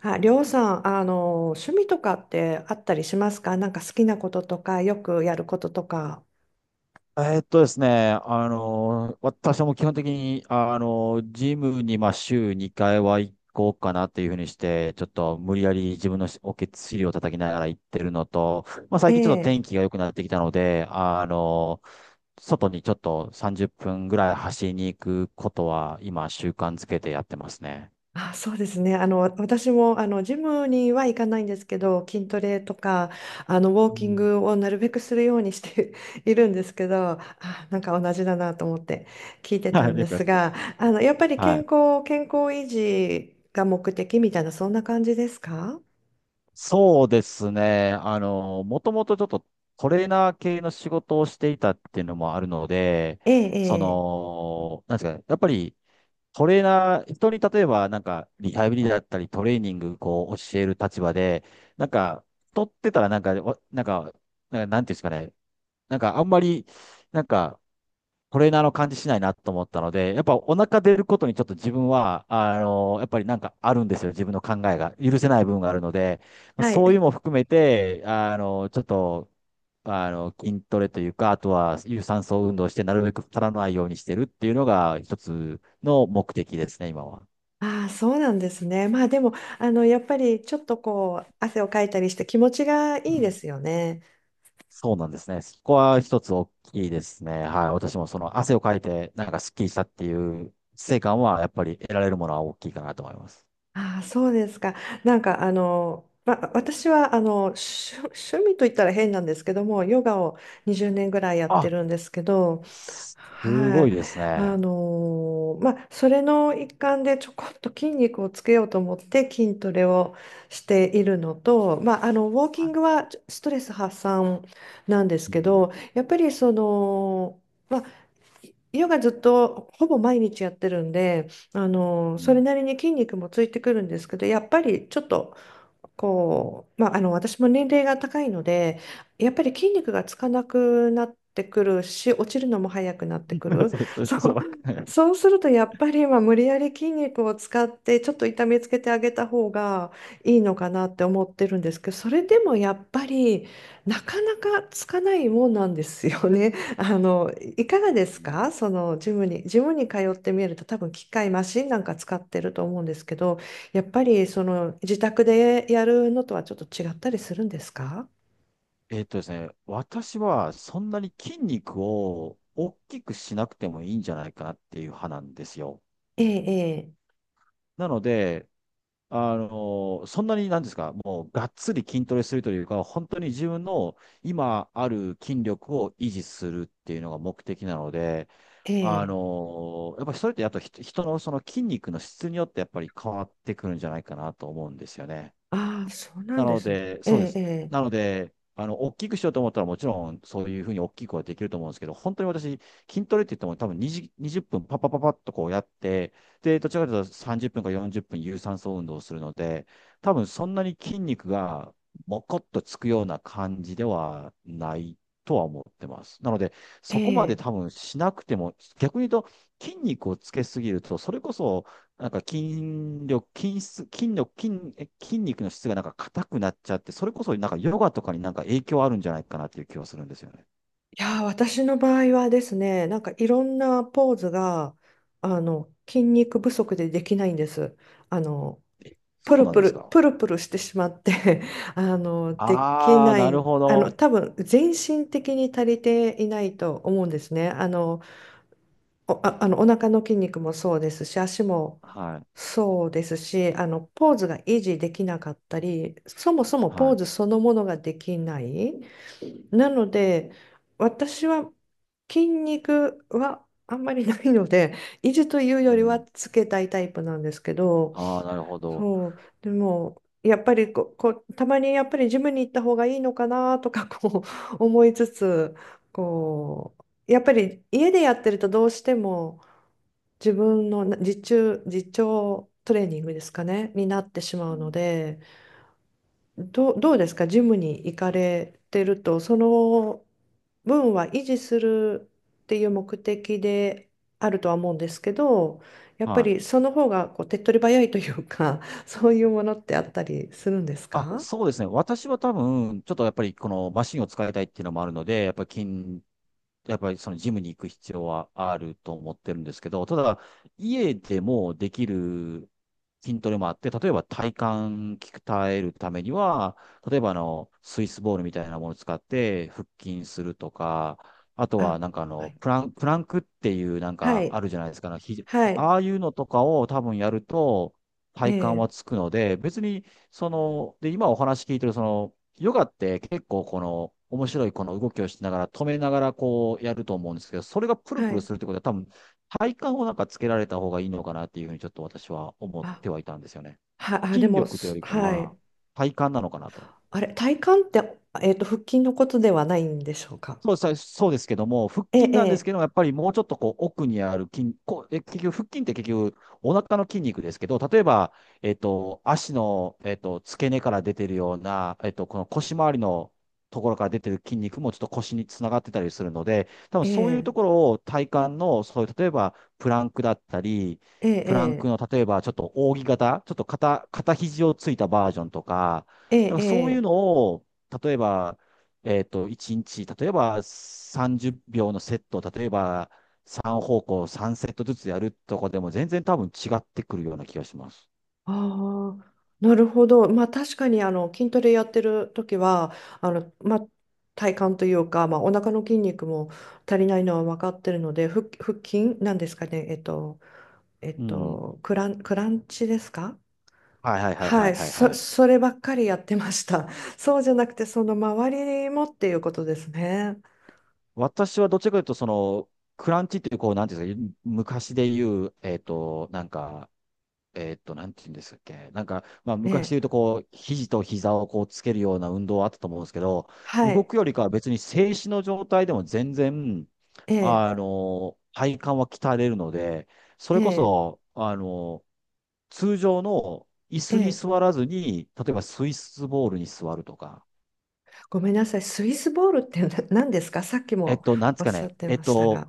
あ、りょうさん、趣味とかってあったりしますか？なんか好きなこととか、よくやることとか。ですね、あの、私はもう基本的に、ジムに、週2回は行こうかなっていうふうにして、ちょっと無理やり自分のおけつ尻を叩きながら行ってるのと、まあ、え最近ちょっと天え。気が良くなってきたので、外にちょっと30分ぐらい走りに行くことは、今、習慣づけてやってますね。あ、そうですね。私も、ジムには行かないんですけど、筋トレとか、ウォーうキンん。グをなるべくするようにして いるんですけど、あ、なんか同じだなと思って聞いてたはんい、でよくやっすてまが、す。やっぱりは健い。康、健康維持が目的みたいな、そんな感じですか？そうですね。もともとちょっとトレーナー系の仕事をしていたっていうのもあるので、ええ、そええ。の、なんですかね、やっぱりトレーナー、人に例えばなんかリハビリだったりトレーニングこう教える立場で、なんか、取ってたらなんか、わなんか、なんかなんていうんですかね、なんかあんまり、なんか、トレーナーの感じしないなと思ったので、やっぱお腹出ることにちょっと自分は、あの、やっぱりなんかあるんですよ。自分の考えが。許せない部分があるので、まあはそういうい。のも含めて、あの、ちょっと、筋トレというか、あとは有酸素運動して、なるべく足らないようにしてるっていうのが一つの目的ですね、今は。ああ、そうなんですね。まあでも、やっぱりちょっとこう、汗をかいたりして気持ちがいいうでん。すよね。そうなんですね。そこは一つ大きいですね。はい。私もその汗をかいて、なんかスッキリしたっていう成果は、やっぱり得られるものは大きいかなと思います。ああ、そうですか。なんか、まあ、私は、趣味と言ったら変なんですけども、ヨガを20年ぐらいやってあ、るんですけど、すはごい、いですね。まあそれの一環でちょこっと筋肉をつけようと思って筋トレをしているのと、まあ、ウォーキはンい。グはストレス発散なんですうけん。ど、やっぱりその、まあ、ヨガずっとほぼ毎日やってるんで、うそれん。なりに筋肉もついてくるんですけど、やっぱりちょっとこう、まあ、私も年齢が高いのでやっぱり筋肉がつかなくなってくるし、落ちるのも早くなってく る そう そうそそうそう、う、わかんない。そうするとやっぱりまあ無理やり筋肉を使ってちょっと痛めつけてあげた方がいいのかなって思ってるんですけど、それでもやっぱりなかなかつかないもんなんですよね。いかがでうすん。か？そのジムに通ってみると多分機械マシンなんか使ってると思うんですけど、やっぱりその自宅でやるのとはちょっと違ったりするんですか？えっとですね、私はそんなに筋肉を大きくしなくてもいいんじゃないかなっていう派なんですよ。ええ、なので、そんなになんですか、もうがっつり筋トレするというか、本当に自分の今ある筋力を維持するっていうのが目的なので、ええ、ええ。やっぱりそれってあと人のその筋肉の質によってやっぱり変わってくるんじゃないかなと思うんですよね。ああー、そうななんでのすね。で、えそうです。え、なので、大きくしようと思ったら、もちろん、そういうふうに大きくはできると思うんですけど、本当に私、筋トレって言っても、多分20分、パッパッパッパッとこうやって、で、どちらかというと30分か40分、有酸素運動をするので、多分そんなに筋肉が、もこっとつくような感じではないとは思ってます。なので、ええ、そこえまでえ。多分しなくても、逆に言うと、筋肉をつけすぎると、それこそ、なんか筋力、筋質、筋力、筋、え筋肉の質がなんか硬くなっちゃって、それこそなんかヨガとかになんか影響あるんじゃないかなっていう気はするんですよね。いやー、私の場合はですね、なんかいろんなポーズが、筋肉不足でできないんです。あの、え、そプうルなんプですル、か？プルプルしてしまって できああー、ななるい、ほど。多分、全身的に足りていないと思うんですね。お腹の筋肉もそうですし、足もはい。そうですし、ポーズが維持できなかったり、そもそもポはーい。ズそのものができない。なので、私は筋肉はあんまりないので、維持といううよりん、はつけたいタイプなんですけど、ああ、なるほど。そう、でも、やっぱりこう、たまにやっぱりジムに行った方がいいのかなとか、こう、思いつつ、こう、やっぱり家でやってるとどうしても、自分の自重、トレーニングですかね、になってしまううのん、で、どうですか、ジムに行かれてると、その分は維持するっていう目的であるとは思うんですけど、やっぱはりい。その方がこう手っ取り早いというか、そういうものってあったりするんですあ、か？そうですね。私は多分、ちょっとやっぱりこのマシンを使いたいっていうのもあるので、やっぱりそのジムに行く必要はあると思ってるんですけど、ただ、家でもできる筋トレもあって、例えば体幹鍛えるためには、例えばスイスボールみたいなものを使って腹筋するとか、あとはあ、なんかあはの、い。プラン、プランクっていうなんはかあい。るじゃないですか、あのひじ、はい。ああいうのとかを多分やると体幹えはえ、つくので、別にで、今お話聞いてる、その、ヨガって結構この、面白いこの動きをしながら、止めながらこうやると思うんですけど、それがプルはプルい。するってことは多分、体幹をなんかつけられた方がいいのかなっていうふうにちょっと私は思っあ、てはいたんですよね。あ、で筋も、力というよりかはい。は、体幹なのかなと。あれ、体幹って、腹筋のことではないんでしょうか。そうさ、そうですけども、腹筋なんですえけえ、ども、やっぱりもうちょっとこう奥にある筋、こう、え、結局、腹筋って結局、お腹の筋肉ですけど、例えば、えっと、足の、えっと、付け根から出てるような、えっと、この腰回りのところから出てる筋肉もちょっと腰につながってたりするので、多分えそういうえ、とこえろを体幹の、そういう、例えば、プランクだったり、プランクえ、の、例えば、ちょっと扇形、ちょっと肩、肩肘をついたバージョンとか、えなんえ、かそういうえのえ、を、例えば、えっと、1日、例えば30秒のセットを、例えば3方向3セットずつやるとかでも全然多分違ってくるような気がします。ああー、なるほど。まあ、確かに、筋トレやってる時は、まあ、体幹というか、まあ、お腹の筋肉も足りないのは分かってるので、腹筋なんですかね。うん。クランチですか？はいはいはいははいい、はいはそ、い。そればっかりやってました。そうじゃなくて、その周りもっていうことですね。私はどっちかというと、その、クランチっていう、こう、なんていうんですか、昔で言う、えっと、なんか、えーっと、なんて言うんですっけ。なんか、まあ、え昔でえ、言うと、こう、肘と膝をこうつけるような運動はあったと思うんですけど、は動い、くよりかは別に静止の状態でも全然、ええ、体幹は鍛えれるので、そえれこえ、そ、あの、通常の椅え子にえ。座らずに、例えばスイスボールに座るとか、ごめんなさい、スイスボールって何ですか？さっきえっもと、なんでおすっかしゃね、ってえっましたと、が。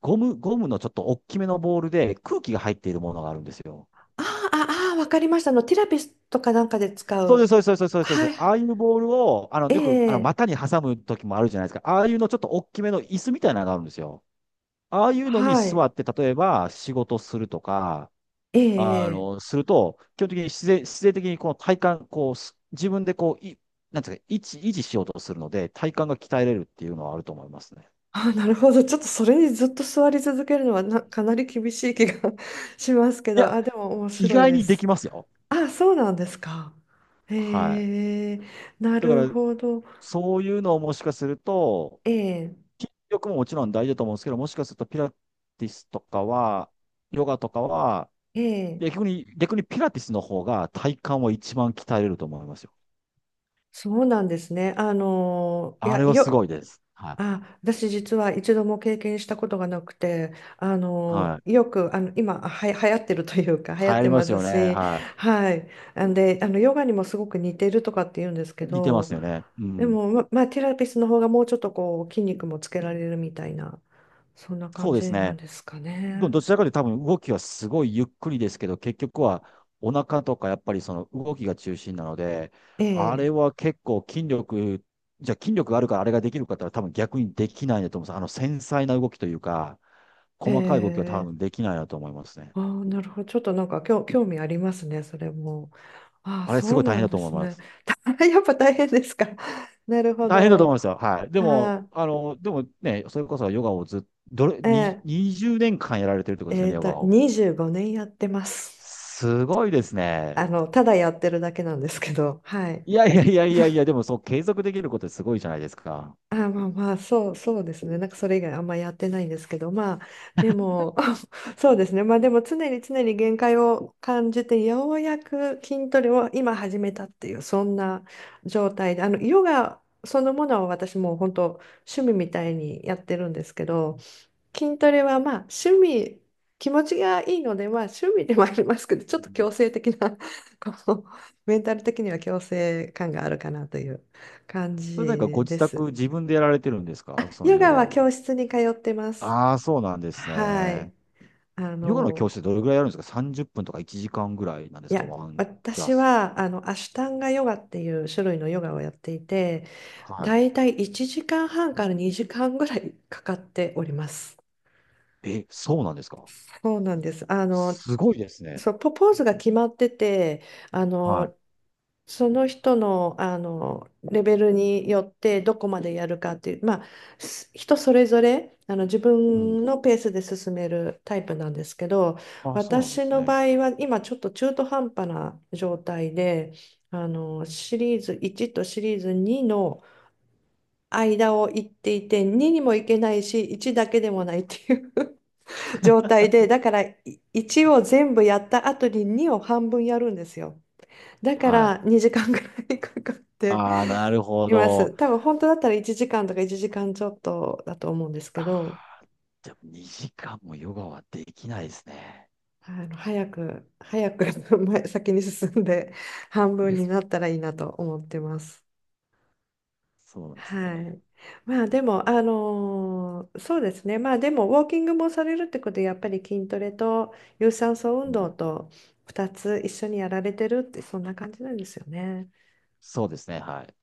ゴムのちょっと大きめのボールで空気が入っているものがあるんですよ。ああ、ああ、わかりました。ティラピスとかなんかで使そうです、う。そうです、そうです、そうです。そうはでい、す、ああいうボールを、あの、えよく、あの、え、股に挟む時もあるじゃないですか。ああいうのちょっと大きめの椅子みたいなのがあるんですよ。ああいうのには座い、って、例えば仕事するとか、えあえ、ええ。の、すると、基本的に自然的にこの体幹、こう、す自分でこう、い、なんていうか、維持しようとするので、体幹が鍛えれるっていうのはあると思いますね。あ、なるほど。ちょっとそれにずっと座り続けるのはかなり厳しい気が しますけいど、や、あ、でも面意白い外でにできす。ますよ。あ、そうなんですか。はい。へえ、なだかるら、ほど。そういうのをもしかすると、ええ、筋力ももちろん大事だと思うんですけど、もしかするとピラティスとかは、ヨガとかは、ええ、逆にピラティスの方が体幹は一番鍛えれると思いますよ。そうなんですね。いあや、れはすごいです。はい。あ、私実は一度も経験したことがなくて、はい。よく、今、流行ってるというか、流行流っ行てりまますすよね。し、ははい。んで、ヨガにもすごく似てるとかって言うんですけい。似てまど、すよね。うでん。も、まあ、ティラピスの方がもうちょっとこう、筋肉もつけられるみたいな、そんなそ感うですじなんね。ですかどね。どちらかというと多分動きはすごいゆっくりですけど、結局はお腹とかやっぱりその動きが中心なので、えあれえ、は結構筋力、じゃあ筋力があるからあれができるかって言ったら多分逆にできないんだと思うんです。あの繊細な動きというか、へ細かい動きは多分え。できないなと思いますね。ああ、なるほど。ちょっとなんか興味ありますね、それも。ああ、あれすそごうい大な変んだでと思いすまね。す。やっぱ大変ですか？なるほ大変だとど。思いますよ。はい。でも、あああ、の、でもね、それこそヨガをずっと、どれ、えにえ20年間やられてるってことですよね、ヨガを。25年やってます。すごいですね。ただやってるだけなんですけど、はい。いやいやいやいやいや、でもそう継続できることってすごいじゃないですか。あ、まあまあ、そうですね。なんかそれ以外あんまやってないんですけど、まあ、でも、そうですね。まあでも常に常に限界を感じて、ようやく筋トレを今始めたっていう、そんな状態で、ヨガそのものは私もう本当趣味みたいにやってるんですけど、筋トレはまあ趣味、気持ちがいいので、まあ趣味でもありますけど、うちょっと強ん。制的な、こう、メンタル的には強制感があるかなという感それなんかごじ自で宅す。自分でやられてるんですかそのヨヨガはガ教は。室に通ってます。ああ、そうなんですはい。ね。あヨガの教の、室ってどれぐらいやるんですか？ 30 分とか1時間ぐらいなんでいすか、や、ワンクラ私ス。はアシュタンガヨガっていう種類のヨガをやっていて、はだいたい1時間半から2時間ぐらいかかっております。い。え、そうなんですか？そうなんです。すごいですね。そう、ポーズが決まってて、あはの、その人の、レベルによってどこまでやるかっていう、まあ、人それぞれ自い。う分ん。のペースで進めるタイプなんですけど、あ、そうなんで私すのね。場合は今ちょっと中途半端な状態でシリーズ1とシリーズ2の間を行っていて、2にも行けないし1だけでもないっていう 状態で、だから1を全部やった後に2を半分やるんですよ。だかはい。ら2時間ぐらいかかってああ、なるほいます。ど。多分本当だったら1時間とか1時間ちょっとだと思うんですけど、あー、でも2時間もヨガはできないですね。早く早く 先に進んで半分になったらいいなと思ってます。そうなんですはね。い。まあでも、そうですね。まあでも、ウォーキングもされるってことで、やっぱり筋トレと有酸素う運動ん。と2つ一緒にやられてるって、そんな感じなんですよね。そうですね。はい。